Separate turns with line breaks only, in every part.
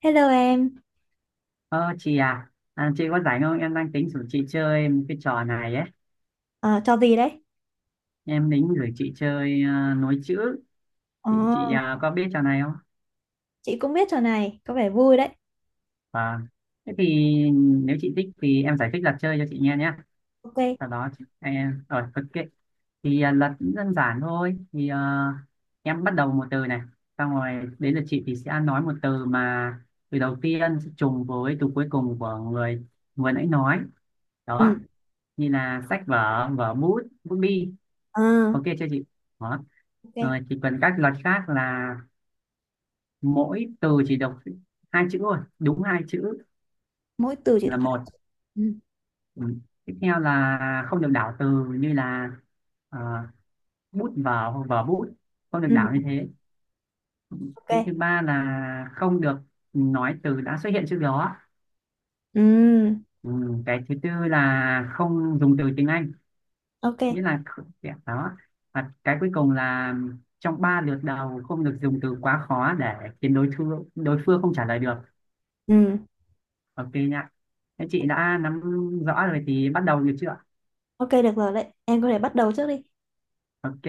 Hello em.
Ờ chị à, chị có rảnh không? Em đang tính rủ chị chơi một cái trò này ấy.
Ờ, trò gì đấy?
Em tính gửi chị chơi, à, nối chữ.
Ờ,
Chị à, có biết trò này không?
chị cũng biết trò này, có vẻ vui đấy.
Vâng. Thế thì nếu chị thích thì em giải thích luật chơi cho chị nghe nhé.
Ok.
Sau đó chị, em rồi ok. Thì luật cũng đơn giản thôi. Thì em bắt đầu một từ này, xong rồi đến lượt chị thì sẽ nói một từ mà từ đầu tiên sẽ trùng với từ cuối cùng của người vừa nãy nói. Đó,
Ừ.
như là sách vở, vở bút, bút bi.
Ờ,
Ok chưa chị? Đó
ok.
rồi, chỉ cần các luật khác là mỗi từ chỉ đọc hai chữ thôi, đúng hai chữ
Mỗi từ chỉ được
là
hai.
một.
Ừ.
Ừ. Tiếp theo là không được đảo từ như là ờ, bút vở hoặc vở bút, không được
Ừ.
đảo như thế. Cái
Ok.
thứ ba là không được nói từ đã xuất hiện trước đó.
Ừ.
Ừ. Cái thứ tư là không dùng từ tiếng Anh,
Ok.
nghĩa là dạ, đó. Và cái cuối cùng là trong ba lượt đầu không được dùng từ quá khó để khiến đối phương không trả lời được.
Ừ.
Ok nha, thế chị đã nắm rõ rồi thì bắt đầu được chưa ạ?
Ok, được rồi đấy. Em có thể bắt đầu trước đi.
Ok.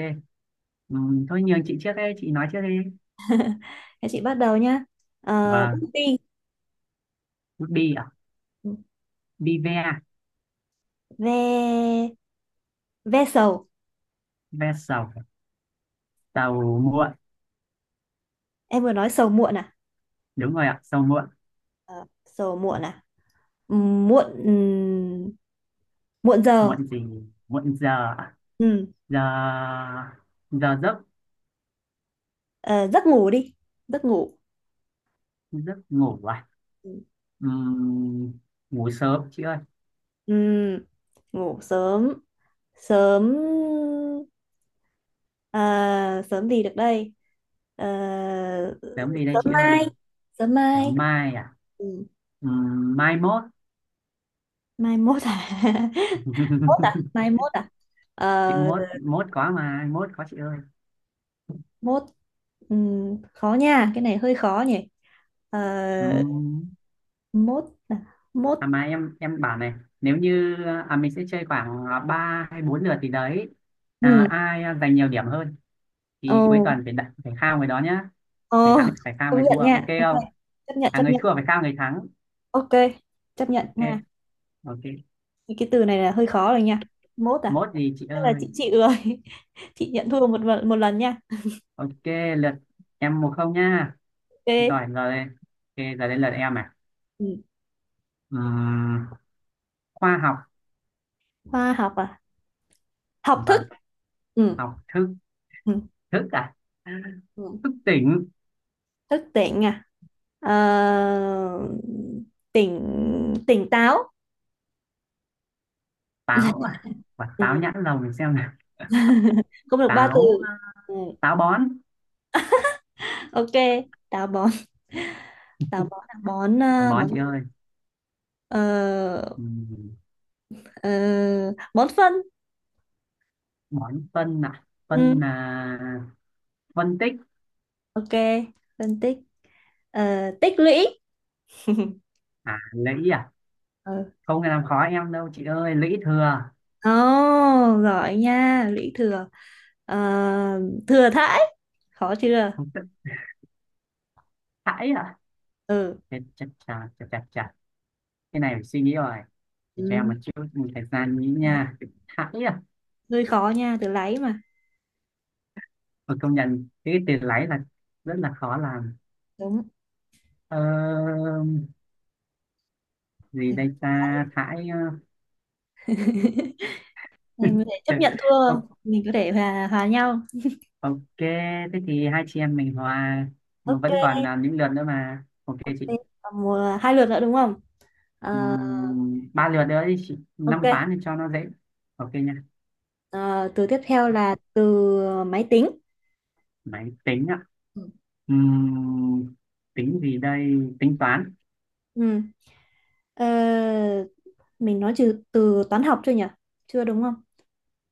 Thôi nhường chị trước, đây chị nói trước đi.
Để chị bắt đầu nhá. Ờ,
Vâng,
bút bi.
đi ạ.
Ừ.
Đi ve.
Ve, ve sầu.
Ve sầu. Sầu muộn.
Em vừa nói sầu muộn à?
Đúng rồi ạ, sầu muộn.
Ờ, sầu muộn à? Ừ, muộn muộn giờ.
Muộn gì? Muộn giờ ạ?
Ừ.
Giờ. Giờ giấc.
Ờ, giấc ngủ đi. Giấc ngủ.
Giấc ngủ à.
Ừ.
Ừm, ngủ sớm chị ơi.
Ừ, ngủ sớm. sớm sớm gì được đây? Ờ,
Sớm gì đây
sớm
chị ơi?
mai. Sớm mai.
Sớm mai à.
Ừ.
Mai mốt.
Mai mốt à? Mốt à? Mai mốt à?
Chị,
Ờ,
mốt mốt có mà, mốt có chị ơi.
mốt. Khó nha, cái này hơi khó nhỉ. Ờ, mốt à? Mốt.
À mà em bảo này, nếu như mình sẽ chơi khoảng 3 hay 4 lượt thì đấy,
Ừ.
ai giành nhiều điểm hơn
Ồ.
thì cuối tuần phải đặt phải khao người đó nhá.
Ồ.
Người thắng phải khao
Công
người thua,
nhận
ok
nha, ok.
không?
Chấp nhận, chấp
Người
nhận.
thua phải khao người thắng.
Ok. Chấp nhận
Ok.
nha.
Ok,
Thì cái từ này là hơi khó rồi nha. Mốt à?
mốt gì chị
Tức là
ơi?
chị chịu rồi. Chị nhận thua 1-1, một lần nha.
Ok, lượt. Em một không nhá.
Ok.
Giỏi rồi. Ok, giờ đến lượt em à.
Ừ.
Ừm, khoa học.
Khoa học à? Học thức.
Vâng.
Ừ.
Học thức.
Ừ.
Thức à.
Ừ.
Thức tỉnh.
Thức tỉnh à? Ờ, tỉnh. Tỉnh táo.
Táo à? Quả táo
Ừ.
nhãn lồng mình xem nào.
Không được ba từ.
Táo à,
Ừ.
táo bón.
Ok. Táo bón. Táo bón à? Bón à?
Bón
Bón
chị
gì?
ơi.
Ờ.
Ừ.
Ờ. Bón phân.
Bón phân à? Phân
Ừ.
là phân tích.
Ok. Phân tích. Ờ, tích lũy.
À, lũy à,
Ừ.
không làm khó em đâu chị ơi, lũy thừa.
Ồ, giỏi nha, lũy thừa. Ờ, thừa thãi. Khó chưa?
Không tức. Thãi à.
Ừ.
Chết, chà chà chà chà chà, cái này phải suy nghĩ rồi. Chị cho em một
Ừ.
chút thời gian nghĩ nha. Thãi à.
Hơi khó nha, từ lấy mà.
Mà công nhận cái từ lấy là rất là khó làm.
Đúng.
ờ, gì
Thừa
đây
thãi.
ta, thãi. ờ,
Em có thể chấp nhận thua không?
Ô-
Mình có thể hòa nhau.
ok, thế thì hai chị em mình hòa, mà
Ok,
vẫn còn những lượt nữa mà, ok
ok.
chị.
Còn một, hai lượt nữa đúng không? Ờ,
Ba lượt nữa đi chị, năm
ok.
ván thì cho nó dễ. Ok nha.
Ờ, từ tiếp theo là từ máy tính.
Máy tính ạ.
Ừ.
Ừm, tính gì đây? Tính toán.
Ừ. Ờ, mình nói từ từ toán học chưa nhỉ? Chưa đúng không?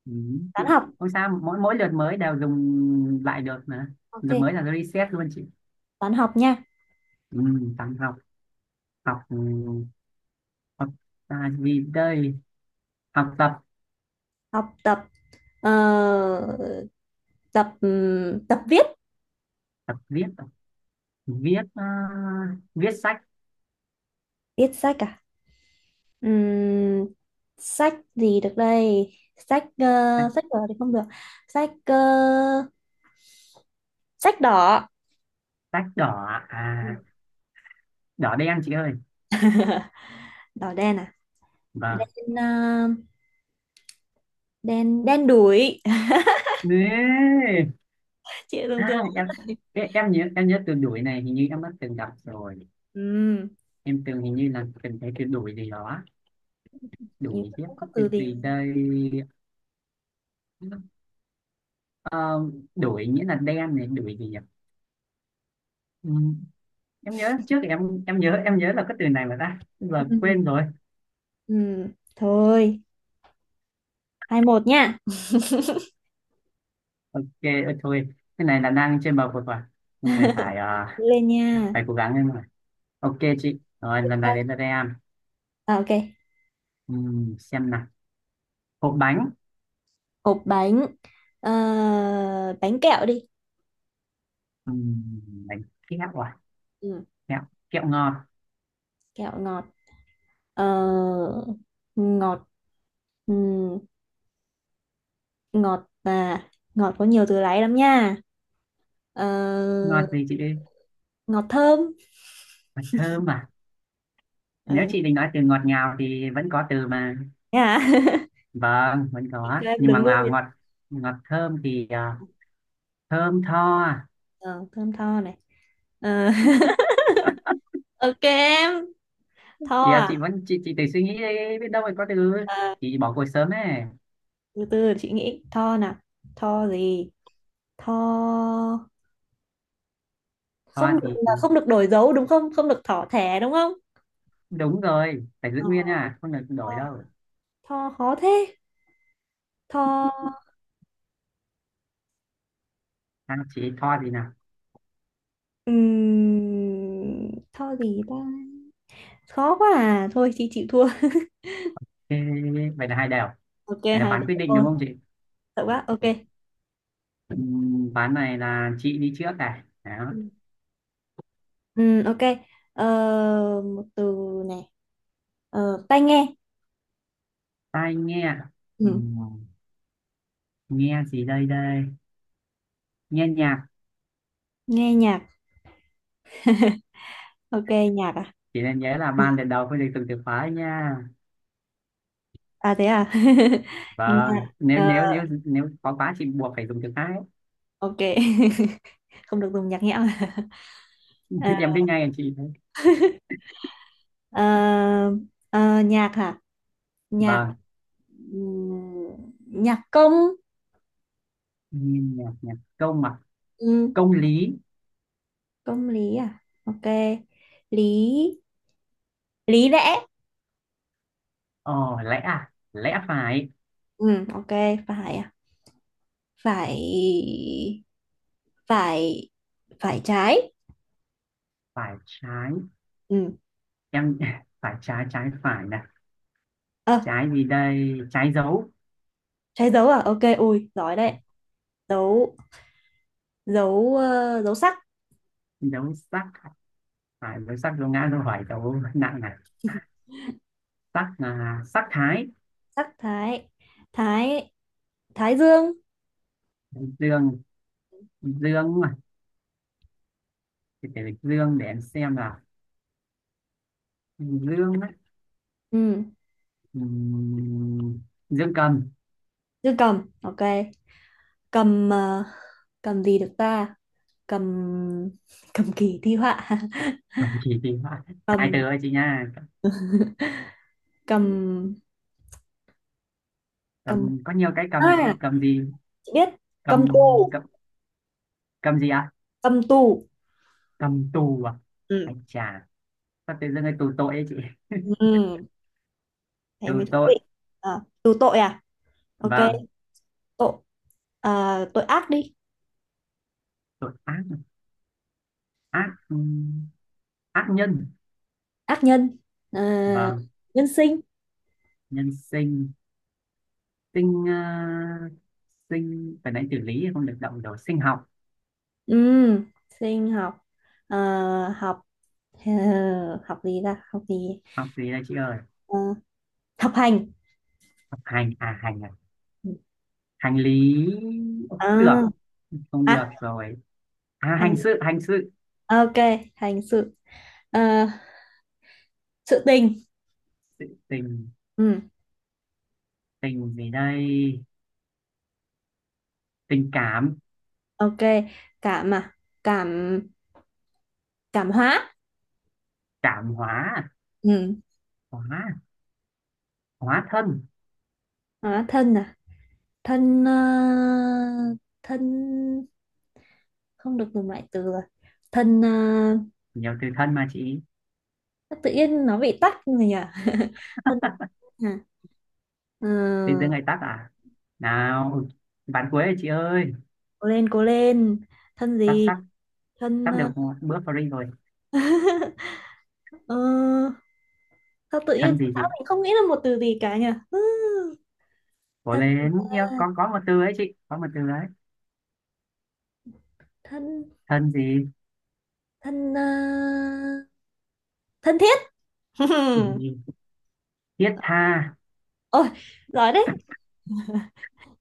Toán
Chị
học.
không sao, mỗi mỗi lượt mới đều dùng lại được mà,
Ok,
lượt mới là reset luôn chị.
toán học nha.
Toán học. Học học, gì đây, học tập.
Học tập. Ờ, tập viết.
Tập viết à? Viết à, viết sách.
Viết sách à? Ừm, sách gì được đây? sách ờ,
Sách,
sách đỏ thì không được. Sách ờ, sách đỏ.
sách đỏ à? Đỏ đen chị ơi.
Đỏ đen à?
Vâng.
Đen ờ, đen đen đủi.
Ê!
Chị tưởng tượng.
À, em nhớ từ đuổi này hình như em đã từng gặp rồi.
um,
Em từng hình như là từng thấy từ đuổi gì đó, đuổi chứ.
không có
Từ
từ gì.
gì đây? Ờ, đuổi nghĩa là đen này, đuổi gì nhỉ? Ừ, em nhớ trước em nhớ là có từ này mà ta giờ quên
Ừm,
rồi.
thôi, 2-1 nha.
Ok. Thôi, cái này là đang trên bờ vực rồi, cái này
Lên nha.
phải cố gắng lên rồi. Ok chị, rồi lần này đến là em.
À, ok.
ừ, xem nào, hộp bánh.
Hộp bánh. Ờ, bánh kẹo đi.
ừ, bánh kẹo à.
Ừm,
Kẹo, kẹo ngọt.
kẹo ngọt. Ờ, ngọt ừm, ngọt và ngọt có nhiều từ lấy lắm nha. Ờ,
Ngọt gì chị?
ngọt thơm.
Mật thơm à? Nếu
Ừ.
chị định nói từ ngọt ngào thì vẫn có từ mà.
Thế à?
Vâng, vẫn
Chị
có.
cho em
Nhưng
đừng
mà
lui.
ngọt ngọt, ngọt thơm thì thơm tho à?
Ờ, thơm tho này. Ờ. Ok em. Tho
Thì
à?
chị vẫn chị tự suy nghĩ đi, biết đâu lại có từ.
Ờ,
Chị bỏ cuộc sớm ấy.
từ từ để chị nghĩ tho nào. Tho gì? Tho.
Tho
Không được,
thì
là không được đổi dấu đúng không? Không được thỏ thẻ đúng không?
đúng rồi, phải giữ
Ờ,
nguyên nha, không được đổi
tho,
đâu.
tho khó thế. Tho.
À, chị tho gì nào?
Tho gì ta? Khó quá à, thôi chị chịu thua.
Ê, vậy là hai đều.
Ok,
Vậy là
hai
phán
đứa
quyết định
ôi.
đúng không chị?
Sợ quá, ok.
Ván này là chị đi trước này. Đó.
Ừ. Ừ, ok. Ờ, một từ này. Ờ, tai nghe.
Tai nghe.
Ừ.
Ừm, Nghe gì đây đây? Nghe nhạc.
Nghe nhạc. Ok. Nhạc à?
Chị nên nhớ là
Ừ.
ban lần đầu phải được dùng từ khóa nha.
À, thế à? Nhạc.
Vâng, nếu
Ờ,
nếu nếu nếu khó quá chị buộc phải dùng từ khác ấy.
ok. Không được dùng nhạc nhẽo. À.
Em biết ngay là chị đấy.
Ờ, ờ, nhạc hả? Nhạc.
Vâng.
Nhạc công.
Nhìn nhạc, nhạc công mà.
Ừm,
Công lý.
công lý à? Ok. Lý. Lý lẽ.
Ờ. Lẽ à, lẽ phải.
Ừ. Ok. Phải à? Phải. Phải. Phải trái.
Phải trái.
Ừ.
Em phải trái, trái phải nè.
Ờ.
Trái gì đây, trái dấu.
Trái dấu à? Ok, ui giỏi đấy.
Ờ,
Dấu. Dấu sắc.
dấu sắc. Phải, dấu sắc, dấu ngã, dấu hỏi, dấu nặng này. Sắc là sắc thái.
Sắc thái. Thái. Thái dương.
Dương. Dương mà, thì phải dương để em xem là dương á.
Ừ.
Ừm, dưỡng cầm.
Dương cầm. Ok. Cầm ờ, cầm gì được ta? Cầm. Cầm kỳ thi họa.
Không, chỉ thì hai từ
Cầm.
thôi chị nha.
Cầm. Cầm.
Cầm có nhiều cái cầm mà chị,
À,
cầm gì?
chị biết.
Cầm.
Cầm tù.
Cầm. Cầm gì ạ?
Cầm tù.
Cầm tù à.
Ừ.
Anh chà, sao tự dưng cái tù tội ấy chị.
Ừ. Thế
Tù
mới thú
tội.
vị. À, tù tội à? Ok.
Vâng.
Tội à, tội ác đi.
Tội ác. Ác ác nhân.
Ác nhân. À,
Vâng.
nhân sinh.
Nhân sinh. Sinh sinh phải nói tử lý không được động rồi, sinh học.
Ừm, sinh học. À, học ờ, học gì ra, học gì?
Học gì đây chị ơi?
Ờ, học hành.
Học hành à, hành à, hành lý. Ủa, không được,
À,
không được
à,
rồi. À,
hành.
hành sự, hành sự.
Ok, hành sự. Ờ, sự tình.
Sự- tình.
Ừm,
Tình gì đây? Tình cảm.
ok, cảm à, cảm cảm hóa.
Cảm hóa à?
Ừm,
Hóa, hóa thân.
hóa thân à? thân ờ, thân. Không được dùng loại từ rồi. Thân,
Nhiều từ thân mà chị.
ờ, tự nhiên nó bị tắc rồi nhỉ. Thân gì? À. Ờ.
Tình dưới ngày tắt à, nào ván cuối rồi chị ơi.
Cố lên, cố lên. Thân
Sắp
gì?
sắp
Thân.
sắp được
Ờ,
một bữa free rồi.
ờ, Sao tự nhiên
Thân gì chị?
tao mình không nghĩ là một từ gì cả nhỉ. Ừ.
Cố
Thân gì
lên
ta?
nhá, có một từ ấy chị, có một từ đấy.
Thân.
Thân gì?
Thân ờ, thân thiết.
Ừ, thiết tha.
Ôi, giỏi đấy.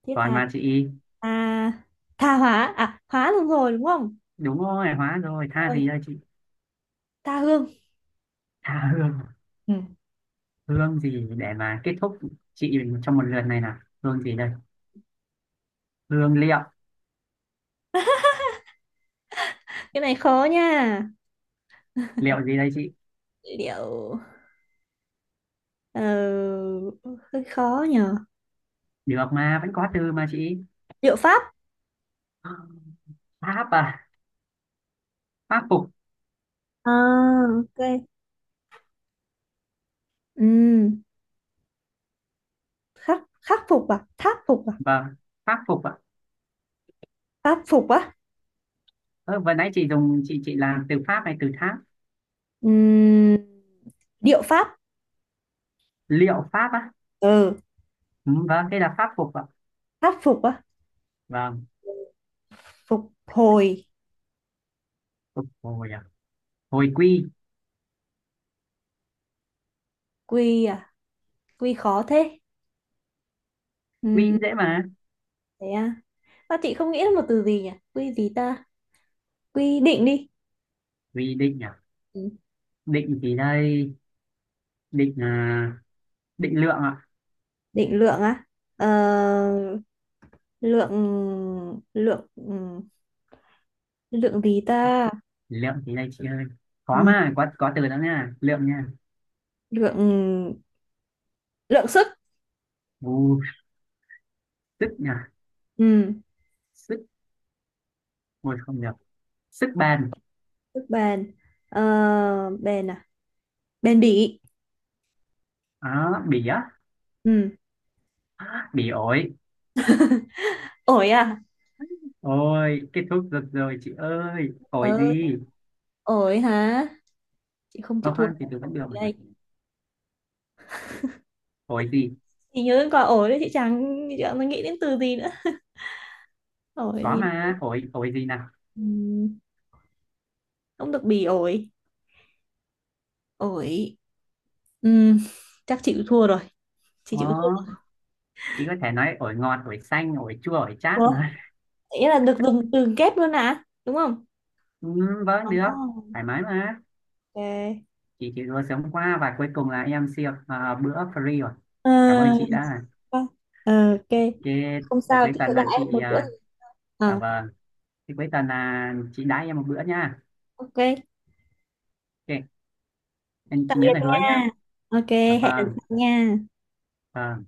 Thiết
Còn
tha.
mà chị.
Tha. Tha hóa à? Hóa luôn rồi đúng không?
Đúng rồi, hóa rồi. Tha
Ôi,
gì đây chị?
tha hương.
Tha hương.
Ừ.
Hương gì để mà kết thúc chị trong một lượt này nào? Hương gì đây? Hương liệu.
Cái này khó nha.
Liệu gì đây chị?
Liệu, ờ, hơi khó nhờ.
Được mà, vẫn có từ mà chị.
Liệu pháp.
À, pháp à, pháp phục.
À, ok. Ừ. khắc khắc phục à? Tháp phục à?
Vâng, pháp phục ạ.
Pháp phục á.
Ơ, vừa nãy chị dùng chị làm từ pháp này từ tháp.
Ừm, điệu pháp.
Liệu pháp á.
Ừ.
Ừ, vâng đây là pháp phục ạ.
Pháp phục á.
Vâng.
Phục hồi.
Phục hồi à. Hồi quy.
Quy à? Quy khó thế.
Quy
Ừm,
cũng dễ mà.
thế à? Ta, chị không nghĩ ra một từ gì nhỉ. Quy gì ta? Quy định đi.
Quy định à.
Ừ.
Định gì đây? Định à, định lượng ạ.
Định lượng á. Ờ, lượng. Lượng ừ, lượng gì ta?
Lượng gì đây chị ơi? Có
Ừ.
mà, có từ đó nha, lượng nha.
Lượng. Lượng sức.
Ù, sức nha.
Ừ.
Sức, ôi không được, sức bền.
Sức bền. Ờ, bền à? Bền bỉ.
Đó, bỉ á.
Ừ.
Bỉ ổi.
Ổi à?
Ôi, kết thúc được rồi chị ơi. Hỏi
Ờ,
gì?
ổi hả? Chị không chịu
Không
thua.
ăn thì tôi vẫn
Ổi
được mà nhỉ?
đây.
Hỏi gì?
Chị nhớ đến quả ổi đấy, chị chẳng nghĩ đến từ gì nữa. Ổi
Có
thì.
mà, hỏi gì nào?
Ừ. Không được bỉ ổi. Ổi. Ừ. Chắc chị chịu thua rồi. Chị
Ờ,
chịu thua.
chị có thể nói ổi ngọt, ổi xanh, ổi chua, ổi chát
Ủa?
mà.
Nghĩa là được dùng từ kép luôn à đúng không?
Ừ, vẫn được,
Oh.
thoải mái mà.
Ok.
Chị chỉ vừa sống qua và cuối cùng là em siêu bữa free rồi.
Ờ,
Cảm ơn chị đã.
ok. Ờ, ok.
Ok,
Không
vậy
sao,
cuối
chị sẽ
tuần
đại
là
em
chị,
một bữa. Ờ,
vâng, thì cuối tuần là chị đãi em một bữa nha.
ok,
Ok,
tạm
chị nhớ
biệt
là hứa nhá.
nha. Ok,
Dạ
hẹn lần
vâng,
sau nha.
vâng.